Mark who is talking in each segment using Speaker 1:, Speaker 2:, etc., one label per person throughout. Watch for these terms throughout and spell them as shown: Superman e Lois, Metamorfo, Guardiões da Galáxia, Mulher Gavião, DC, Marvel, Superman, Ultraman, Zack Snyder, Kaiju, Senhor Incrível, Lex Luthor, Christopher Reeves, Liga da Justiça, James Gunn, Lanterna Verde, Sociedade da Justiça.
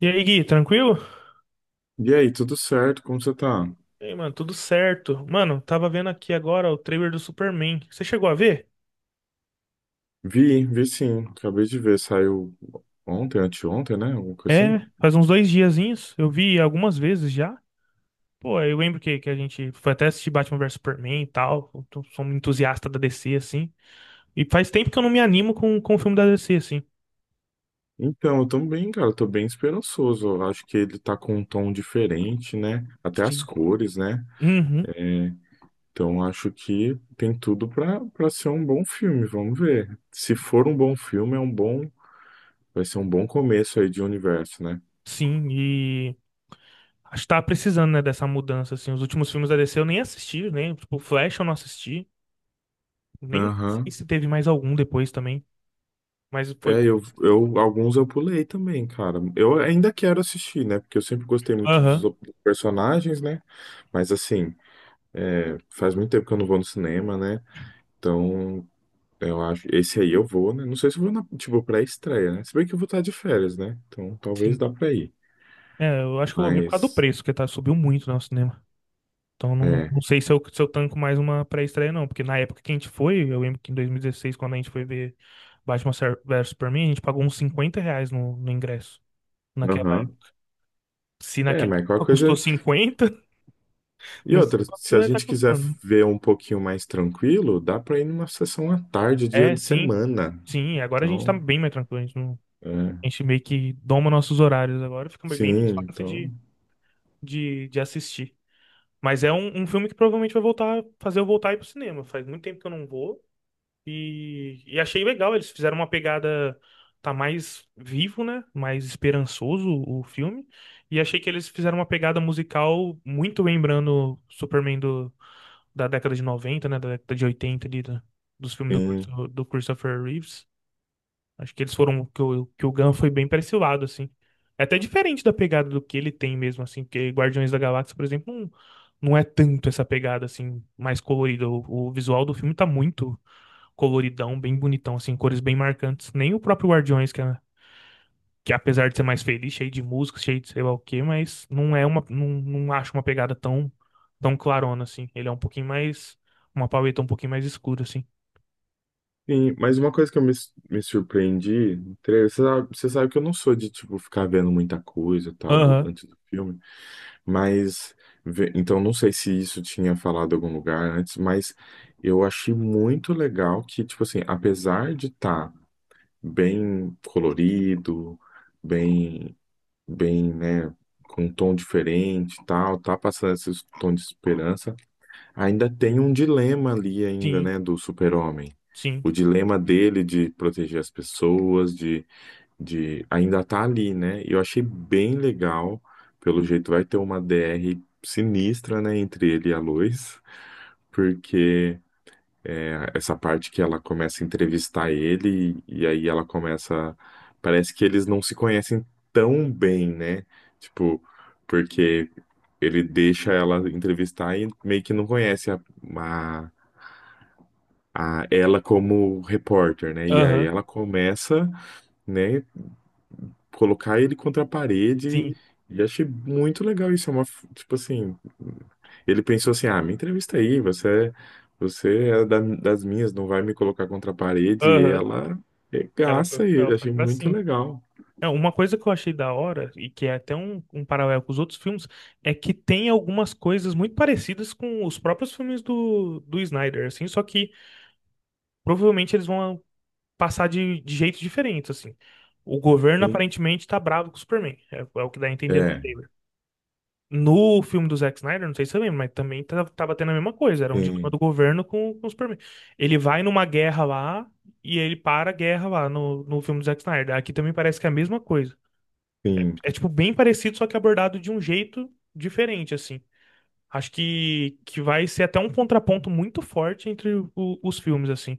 Speaker 1: E aí, Gui, tranquilo?
Speaker 2: E aí, tudo certo? Como você tá?
Speaker 1: E aí, mano, tudo certo. Mano, tava vendo aqui agora o trailer do Superman. Você chegou a ver?
Speaker 2: Vi sim. Acabei de ver, saiu ontem, anteontem, né? Alguma coisa assim.
Speaker 1: É, faz uns dois diazinhos. Eu vi algumas vezes já. Pô, eu lembro que a gente foi até assistir Batman vs Superman e tal. Eu tô- sou um entusiasta da DC, assim. E faz tempo que eu não me animo com o filme da DC, assim.
Speaker 2: Então, eu tô bem, cara, eu tô bem esperançoso. Eu acho que ele tá com um tom diferente, né? Até as
Speaker 1: Sim.
Speaker 2: cores, né?
Speaker 1: Uhum,
Speaker 2: É, então, acho que tem tudo pra, pra ser um bom filme. Vamos ver. Se for um bom filme, é um bom, vai ser um bom começo aí de universo, né?
Speaker 1: sim. E acho que tava precisando, né, dessa mudança, assim. Os últimos filmes da DC eu nem assisti, né? Tipo, Flash eu não assisti. Nem sei
Speaker 2: Aham.
Speaker 1: se teve mais algum depois também. Mas foi.
Speaker 2: É, alguns eu pulei também, cara. Eu ainda quero assistir, né? Porque eu sempre gostei muito
Speaker 1: Aham.
Speaker 2: dos personagens, né? Mas assim, é, faz muito tempo que eu não vou no cinema, né? Então, eu acho. Esse aí eu vou, né? Não sei se eu vou na, tipo, pré-estreia, né? Se bem que eu vou estar de férias, né? Então, talvez
Speaker 1: Sim.
Speaker 2: dá pra ir.
Speaker 1: É, eu acho que eu vou ver por causa do
Speaker 2: Mas,
Speaker 1: preço, que tá, subiu muito, né, o cinema. Então não,
Speaker 2: é.
Speaker 1: não sei se eu tanco mais uma pré-estreia, não. Porque na época que a gente foi, eu lembro que em 2016, quando a gente foi ver Batman vs Superman, a gente pagou uns 50 reais no ingresso. Naquela
Speaker 2: Aham.
Speaker 1: época. Se
Speaker 2: É,
Speaker 1: naquela
Speaker 2: mas qualquer
Speaker 1: época custou
Speaker 2: coisa.
Speaker 1: 50,
Speaker 2: E
Speaker 1: não sei
Speaker 2: outra, se
Speaker 1: quanto
Speaker 2: a
Speaker 1: vai estar
Speaker 2: gente quiser
Speaker 1: custando.
Speaker 2: ver um pouquinho mais tranquilo, dá pra ir numa sessão à tarde, dia
Speaker 1: É,
Speaker 2: de
Speaker 1: sim.
Speaker 2: semana.
Speaker 1: Sim, agora a gente tá
Speaker 2: Então,
Speaker 1: bem mais tranquilo. A gente, não-
Speaker 2: é.
Speaker 1: a gente meio que doma nossos horários agora, fica bem mais
Speaker 2: Sim,
Speaker 1: fácil
Speaker 2: então.
Speaker 1: de assistir. Mas é um, um filme que provavelmente vai voltar, fazer eu voltar a ir pro cinema. Faz muito tempo que eu não vou. E achei legal, eles fizeram uma pegada. Tá mais vivo, né? Mais esperançoso o filme. E achei que eles fizeram uma pegada musical muito lembrando Superman do, da década de noventa, né? Da década de 80 ali, da- dos filmes do,
Speaker 2: Sim,
Speaker 1: Christo- do Christopher Reeves. Acho que eles foram. Que o Gunn foi bem pra esse lado, assim. É até diferente da pegada do que ele tem mesmo, assim. Porque Guardiões da Galáxia, por exemplo, não, não é tanto essa pegada, assim, mais colorida. O visual do filme tá muito coloridão, bem bonitão, assim, cores bem marcantes. Nem o próprio Guardiões, que, é- que apesar de ser mais feliz, cheio de música, cheio de sei lá o quê, mas não é uma, não, não acho uma pegada tão, tão clarona, assim. Ele é um pouquinho mais, uma paleta um pouquinho mais escura, assim.
Speaker 2: sim. Mas uma coisa que eu me surpreendi no trailer, você sabe que eu não sou de, tipo, ficar vendo muita coisa e tal do,
Speaker 1: Aham,
Speaker 2: antes do filme, mas, então não sei se isso tinha falado em algum lugar antes, mas eu achei muito legal que, tipo assim, apesar de estar bem colorido, bem, né, com um tom diferente e tal, tá passando esse tom de esperança, ainda tem um dilema ali ainda,
Speaker 1: sim,
Speaker 2: né, do super-homem.
Speaker 1: sim,
Speaker 2: O dilema dele de proteger as pessoas, de ainda tá ali, né? E eu achei bem legal. Pelo jeito vai ter uma DR sinistra, né, entre ele e a Lois, porque é, essa parte que ela começa a entrevistar ele e aí ela começa, parece que eles não se conhecem tão bem, né? Tipo, porque ele deixa ela entrevistar e meio que não conhece a ela como repórter, né? E aí
Speaker 1: aham,
Speaker 2: ela começa, né, colocar ele contra a parede
Speaker 1: sim,
Speaker 2: e achei muito legal isso. É uma, tipo assim, ele pensou assim, ah, me entrevista aí, você é das minhas, não vai me colocar contra a parede. E
Speaker 1: aham.
Speaker 2: ela regaça
Speaker 1: Ela
Speaker 2: ele,
Speaker 1: foi
Speaker 2: achei
Speaker 1: pra
Speaker 2: muito
Speaker 1: cima.
Speaker 2: legal.
Speaker 1: É, uma coisa que eu achei da hora, e que é até um, um paralelo com os outros filmes, é que tem algumas coisas muito parecidas com os próprios filmes do Snyder, assim, só que provavelmente eles vão passar de jeitos diferentes, assim. O governo
Speaker 2: Sim,
Speaker 1: aparentemente tá bravo com o Superman. É, é o que dá a entender no
Speaker 2: é,
Speaker 1: trailer. No filme do Zack Snyder, não sei se você lembra, mas também tá- tava tendo a mesma coisa. Era um dilema
Speaker 2: sim,
Speaker 1: do governo com o Superman. Ele vai numa guerra lá e ele para a guerra lá no filme do Zack Snyder. Aqui também parece que é a mesma coisa.
Speaker 2: sim,
Speaker 1: É, tipo, bem parecido, só que abordado de um jeito diferente, assim. Acho que vai ser até um contraponto muito forte entre o- os filmes, assim.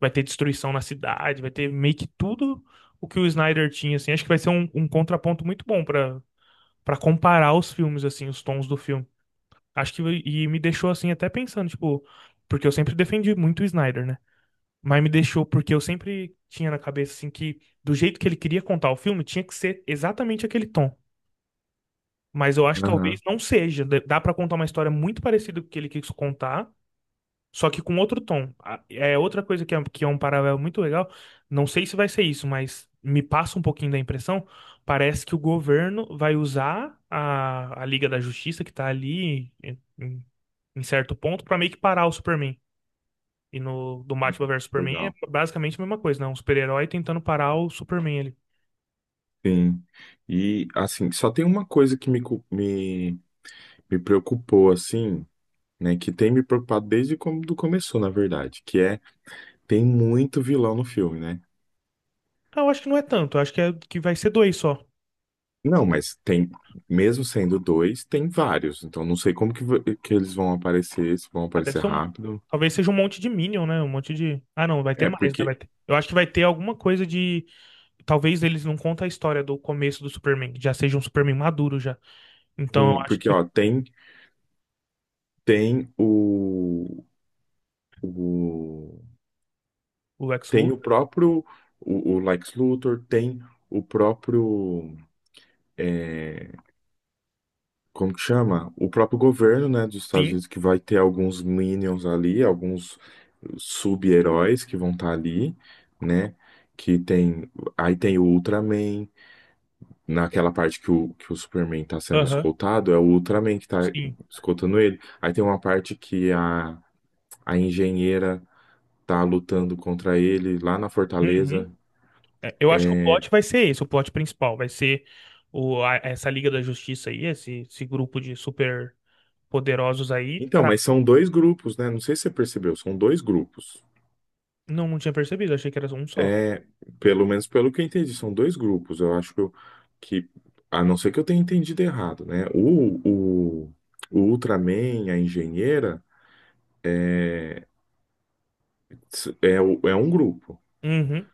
Speaker 1: Vai ter destruição na cidade, vai ter meio que tudo o que o Snyder tinha, assim. Acho que vai ser um, um contraponto muito bom pra para comparar os filmes, assim, os tons do filme. Acho que, e me deixou, assim, até pensando, tipo, porque eu sempre defendi muito o Snyder, né? Mas me deixou, porque eu sempre tinha na cabeça, assim, que do jeito que ele queria contar o filme, tinha que ser exatamente aquele tom. Mas eu acho que talvez
Speaker 2: aham,
Speaker 1: não seja. Dá pra contar uma história muito parecida com o que ele quis contar, só que com outro tom. A- É outra coisa que é um paralelo muito legal. Não sei se vai ser isso, mas me passa um pouquinho da impressão. Parece que o governo vai usar a Liga da Justiça que tá ali em, em- em certo ponto pra meio que parar o Superman. E no do Batman versus Superman é
Speaker 2: legal.
Speaker 1: basicamente a mesma coisa, né? Um super-herói tentando parar o Superman ali.
Speaker 2: Sim. E assim, só tem uma coisa que me preocupou, assim, né, que tem me preocupado desde quando começou, na verdade, que é tem muito vilão no filme, né?
Speaker 1: Ah, eu acho que não é tanto. Eu acho que, é, que vai ser dois só.
Speaker 2: Não, mas tem, mesmo sendo dois, tem vários. Então não sei como que, que eles vão aparecer, se vão
Speaker 1: Ah, deve
Speaker 2: aparecer
Speaker 1: ser um.
Speaker 2: rápido.
Speaker 1: Talvez seja um monte de Minion, né? Um monte de. Ah, não, vai ter
Speaker 2: É
Speaker 1: mais, né?
Speaker 2: porque
Speaker 1: Vai ter... Eu acho que vai ter alguma coisa de. Talvez eles não contem a história do começo do Superman, já seja um Superman maduro já. Então eu
Speaker 2: tem,
Speaker 1: acho
Speaker 2: porque
Speaker 1: que
Speaker 2: ó, tem o
Speaker 1: o Lex
Speaker 2: tem o
Speaker 1: Luthor,
Speaker 2: próprio o Lex Luthor, tem o próprio é, como que chama? O próprio governo, né, dos Estados
Speaker 1: sim,
Speaker 2: Unidos que vai ter alguns minions ali, alguns sub-heróis que vão estar ali, né? Que tem, aí tem o Ultraman, naquela parte que o Superman tá sendo
Speaker 1: aham,
Speaker 2: escoltado, é o Ultraman que tá
Speaker 1: sim.
Speaker 2: escoltando ele. Aí tem uma parte que a engenheira tá lutando contra ele lá na Fortaleza.
Speaker 1: Uhum. É, eu acho que o plot vai ser esse, o plot principal, vai ser o, a- essa Liga da Justiça aí, esse grupo de super poderosos aí.
Speaker 2: Então,
Speaker 1: Tra-
Speaker 2: mas são dois grupos, né? Não sei se você percebeu, são dois grupos.
Speaker 1: Não, não tinha percebido, achei que era um só.
Speaker 2: É, pelo menos pelo que eu entendi, são dois grupos. Eu acho que, eu- que a não ser que eu tenha entendido errado, né? O Ultraman, a engenheira, é, é um grupo.
Speaker 1: Uhum,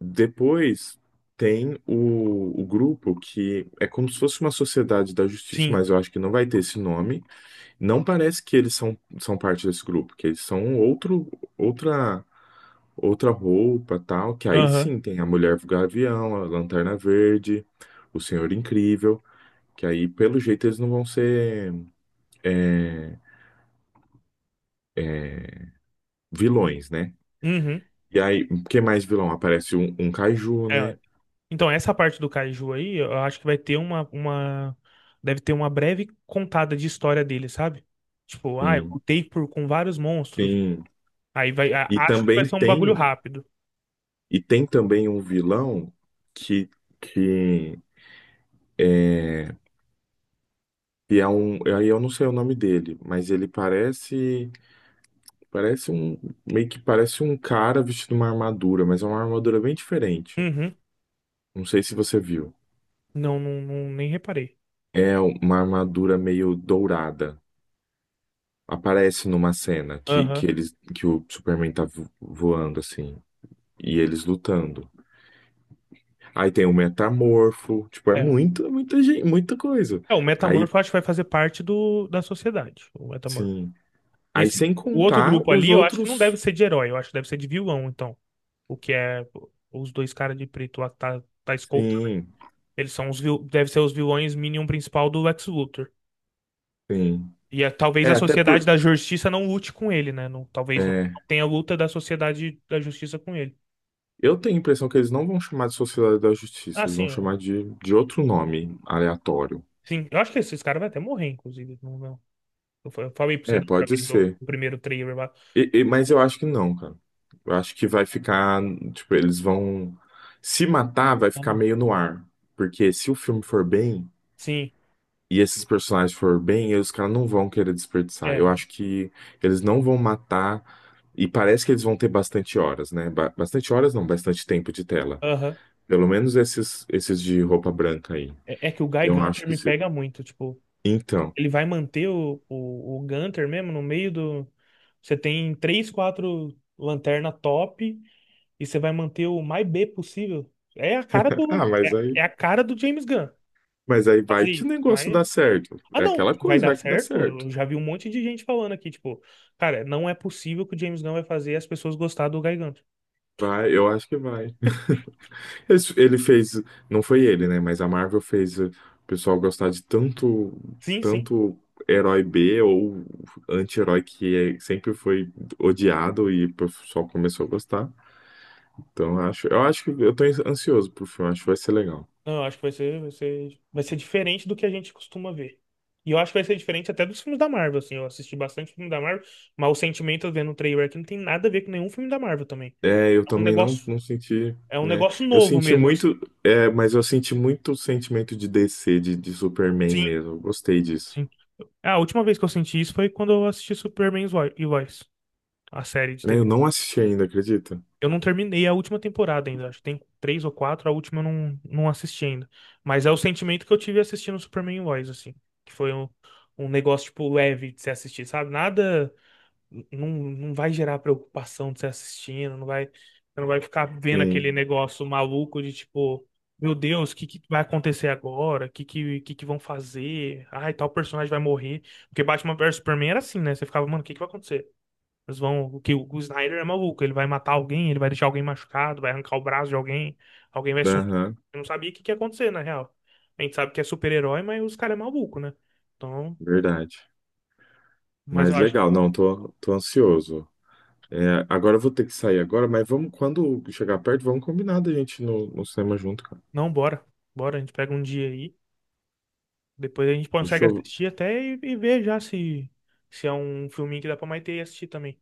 Speaker 2: Depois tem o grupo que é como se fosse uma sociedade da justiça,
Speaker 1: sim,
Speaker 2: mas eu acho que não vai ter esse nome. Não parece que eles são, são parte desse grupo, que eles são um outro, outra. Outra roupa, tal, que aí
Speaker 1: aham,
Speaker 2: sim tem a Mulher Gavião, a Lanterna Verde, o Senhor Incrível, que aí pelo jeito eles não vão ser é, vilões, né?
Speaker 1: uhum.
Speaker 2: E aí, que mais vilão? Aparece um, um Kaiju,
Speaker 1: É,
Speaker 2: né?
Speaker 1: então, essa parte do Kaiju aí, eu acho que vai ter uma... Deve ter uma breve contada de história dele, sabe? Tipo, ah, eu
Speaker 2: Sim,
Speaker 1: lutei por, com vários monstros.
Speaker 2: sim.
Speaker 1: Aí vai... a-
Speaker 2: E
Speaker 1: Acho que vai
Speaker 2: também
Speaker 1: ser um bagulho
Speaker 2: tem,
Speaker 1: rápido.
Speaker 2: e tem também um vilão que, que, é, que é um, aí eu não sei o nome dele, mas ele parece, parece um, meio que parece um cara vestido uma armadura, mas é uma armadura bem diferente.
Speaker 1: Uhum.
Speaker 2: Não sei se você viu.
Speaker 1: Não, não, não- nem reparei.
Speaker 2: É uma armadura meio dourada. Aparece numa cena
Speaker 1: Aham.
Speaker 2: que eles que o Superman tá voando assim e eles lutando. Aí tem o Metamorfo, tipo, é
Speaker 1: É.
Speaker 2: muita, muita gente, muita coisa.
Speaker 1: É, o
Speaker 2: Aí,
Speaker 1: Metamorfo eu acho que vai fazer parte do, da sociedade, o Metamorfo.
Speaker 2: sim. Aí
Speaker 1: Esse,
Speaker 2: sem
Speaker 1: o outro
Speaker 2: contar
Speaker 1: grupo
Speaker 2: os
Speaker 1: ali, eu acho que não deve
Speaker 2: outros.
Speaker 1: ser de herói, eu acho que deve ser de vilão, então. O que é os dois caras de preto lá que tá, tá escoltando.
Speaker 2: Sim,
Speaker 1: Eles são os, vil- deve ser os vilões Minion principal do Lex Luthor.
Speaker 2: sim.
Speaker 1: E a- talvez
Speaker 2: É,
Speaker 1: a
Speaker 2: até por
Speaker 1: sociedade da justiça não lute com ele, né? Não- talvez não
Speaker 2: é,
Speaker 1: tenha luta da sociedade da justiça com ele.
Speaker 2: eu tenho a impressão que eles não vão chamar de Sociedade da
Speaker 1: Ah,
Speaker 2: Justiça, eles vão
Speaker 1: sim.
Speaker 2: chamar de outro nome aleatório.
Speaker 1: Sim, eu acho que esses caras vão até morrer, inclusive. Não, não. Eu fa- eu falei pra você
Speaker 2: É,
Speaker 1: do,
Speaker 2: pode
Speaker 1: do,
Speaker 2: ser.
Speaker 1: do primeiro trailer lá.
Speaker 2: Mas eu acho que não, cara. Eu acho que vai ficar, tipo, eles vão se matar, vai
Speaker 1: Não-
Speaker 2: ficar
Speaker 1: não-
Speaker 2: meio no ar. Porque se o filme for bem
Speaker 1: Sim,
Speaker 2: e esses personagens for bem, os caras não vão querer desperdiçar.
Speaker 1: é.
Speaker 2: Eu acho que eles não vão matar e parece que eles vão ter bastante horas, né? Bastante horas não, bastante tempo de tela.
Speaker 1: Aham.
Speaker 2: Pelo menos esses esses de roupa branca aí.
Speaker 1: É, é que o Guy
Speaker 2: Eu acho
Speaker 1: Gunter
Speaker 2: que
Speaker 1: me
Speaker 2: se...
Speaker 1: pega muito. Tipo,
Speaker 2: Então.
Speaker 1: ele vai manter o Gunter mesmo no meio do. Você tem três, quatro lanterna top e você vai manter o mais B possível. É a cara do.
Speaker 2: Ah,
Speaker 1: É, é a cara do James Gunn.
Speaker 2: mas aí vai
Speaker 1: Fazer
Speaker 2: que o
Speaker 1: isso.
Speaker 2: negócio
Speaker 1: Mas.
Speaker 2: dá certo.
Speaker 1: Ah,
Speaker 2: É
Speaker 1: não,
Speaker 2: aquela
Speaker 1: que vai
Speaker 2: coisa,
Speaker 1: dar
Speaker 2: vai que dá
Speaker 1: certo.
Speaker 2: certo.
Speaker 1: Eu já vi um monte de gente falando aqui, tipo, cara, não é possível que o James Gunn vai fazer as pessoas gostar do Gigante.
Speaker 2: Vai, eu acho que vai. Ele fez, não foi ele, né? Mas a Marvel fez o pessoal gostar de tanto,
Speaker 1: Sim, sim.
Speaker 2: tanto herói B ou anti-herói que sempre foi odiado e o pessoal começou a gostar. Então eu acho que eu tô ansioso pro filme, acho que vai ser legal.
Speaker 1: Não, eu acho que vai ser diferente do que a gente costuma ver. E eu acho que vai ser diferente até dos filmes da Marvel, assim. Eu assisti bastante filme da Marvel, mas o sentimento vendo o trailer aqui não tem nada a ver com nenhum filme da Marvel também.
Speaker 2: É, eu
Speaker 1: É um
Speaker 2: também não,
Speaker 1: negócio,
Speaker 2: não senti,
Speaker 1: é um
Speaker 2: né?
Speaker 1: negócio
Speaker 2: Eu
Speaker 1: novo
Speaker 2: senti
Speaker 1: mesmo, assim.
Speaker 2: muito, é, mas eu senti muito sentimento de DC, de Superman
Speaker 1: Sim,
Speaker 2: mesmo. Eu gostei disso.
Speaker 1: sim. A última vez que eu senti isso foi quando eu assisti Superman e Vo- e Lois, a série de
Speaker 2: Né, eu
Speaker 1: TV.
Speaker 2: não assisti ainda, acredita?
Speaker 1: Eu não terminei a última temporada ainda, acho que tem três ou quatro, a última eu não, não assisti ainda. Mas é o sentimento que eu tive assistindo Superman Lois, assim. Que foi um, um negócio, tipo, leve de se assistir, sabe? Nada. Não, não vai gerar preocupação de se assistindo, não vai, você não vai ficar vendo aquele
Speaker 2: Sim.
Speaker 1: negócio maluco de tipo, meu Deus, o que, que vai acontecer agora? O que vão fazer? Ai, tal personagem vai morrer. Porque Batman versus Superman era assim, né? Você ficava, mano, o que, que vai acontecer? Eles vão, o que o Snyder é maluco, ele vai matar alguém, ele vai deixar alguém machucado, vai arrancar o braço de alguém, alguém vai sumir.
Speaker 2: Aham.
Speaker 1: Eu não sabia o que que ia acontecer, na real. A gente sabe que é super-herói, mas os caras é maluco, né? Então,
Speaker 2: Verdade.
Speaker 1: mas
Speaker 2: Mas
Speaker 1: eu acho que
Speaker 2: legal, não, tô, tô ansioso. É, agora eu vou ter que sair agora, mas vamos, quando chegar perto, vamos combinar da gente ir no, no cinema junto, cara.
Speaker 1: não, bora. Bora, a gente pega um dia aí, depois a gente consegue
Speaker 2: Fechou?
Speaker 1: assistir até e ver já se se é um filminho que dá pra Maitê assistir também.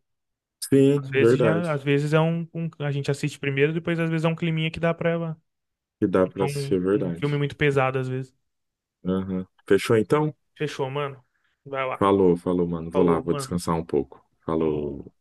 Speaker 1: Às
Speaker 2: Sim,
Speaker 1: vezes
Speaker 2: verdade.
Speaker 1: já, às vezes é um, um- a gente assiste primeiro, depois às vezes é um climinha que dá pra ela.
Speaker 2: Que dá
Speaker 1: É
Speaker 2: pra assistir,
Speaker 1: um,
Speaker 2: é
Speaker 1: um
Speaker 2: verdade.
Speaker 1: filme muito pesado às vezes.
Speaker 2: Aham. Fechou então?
Speaker 1: Fechou, mano. Vai lá.
Speaker 2: Falou, falou, mano. Vou lá,
Speaker 1: Falou,
Speaker 2: vou
Speaker 1: mano.
Speaker 2: descansar um pouco.
Speaker 1: Falou.
Speaker 2: Falou.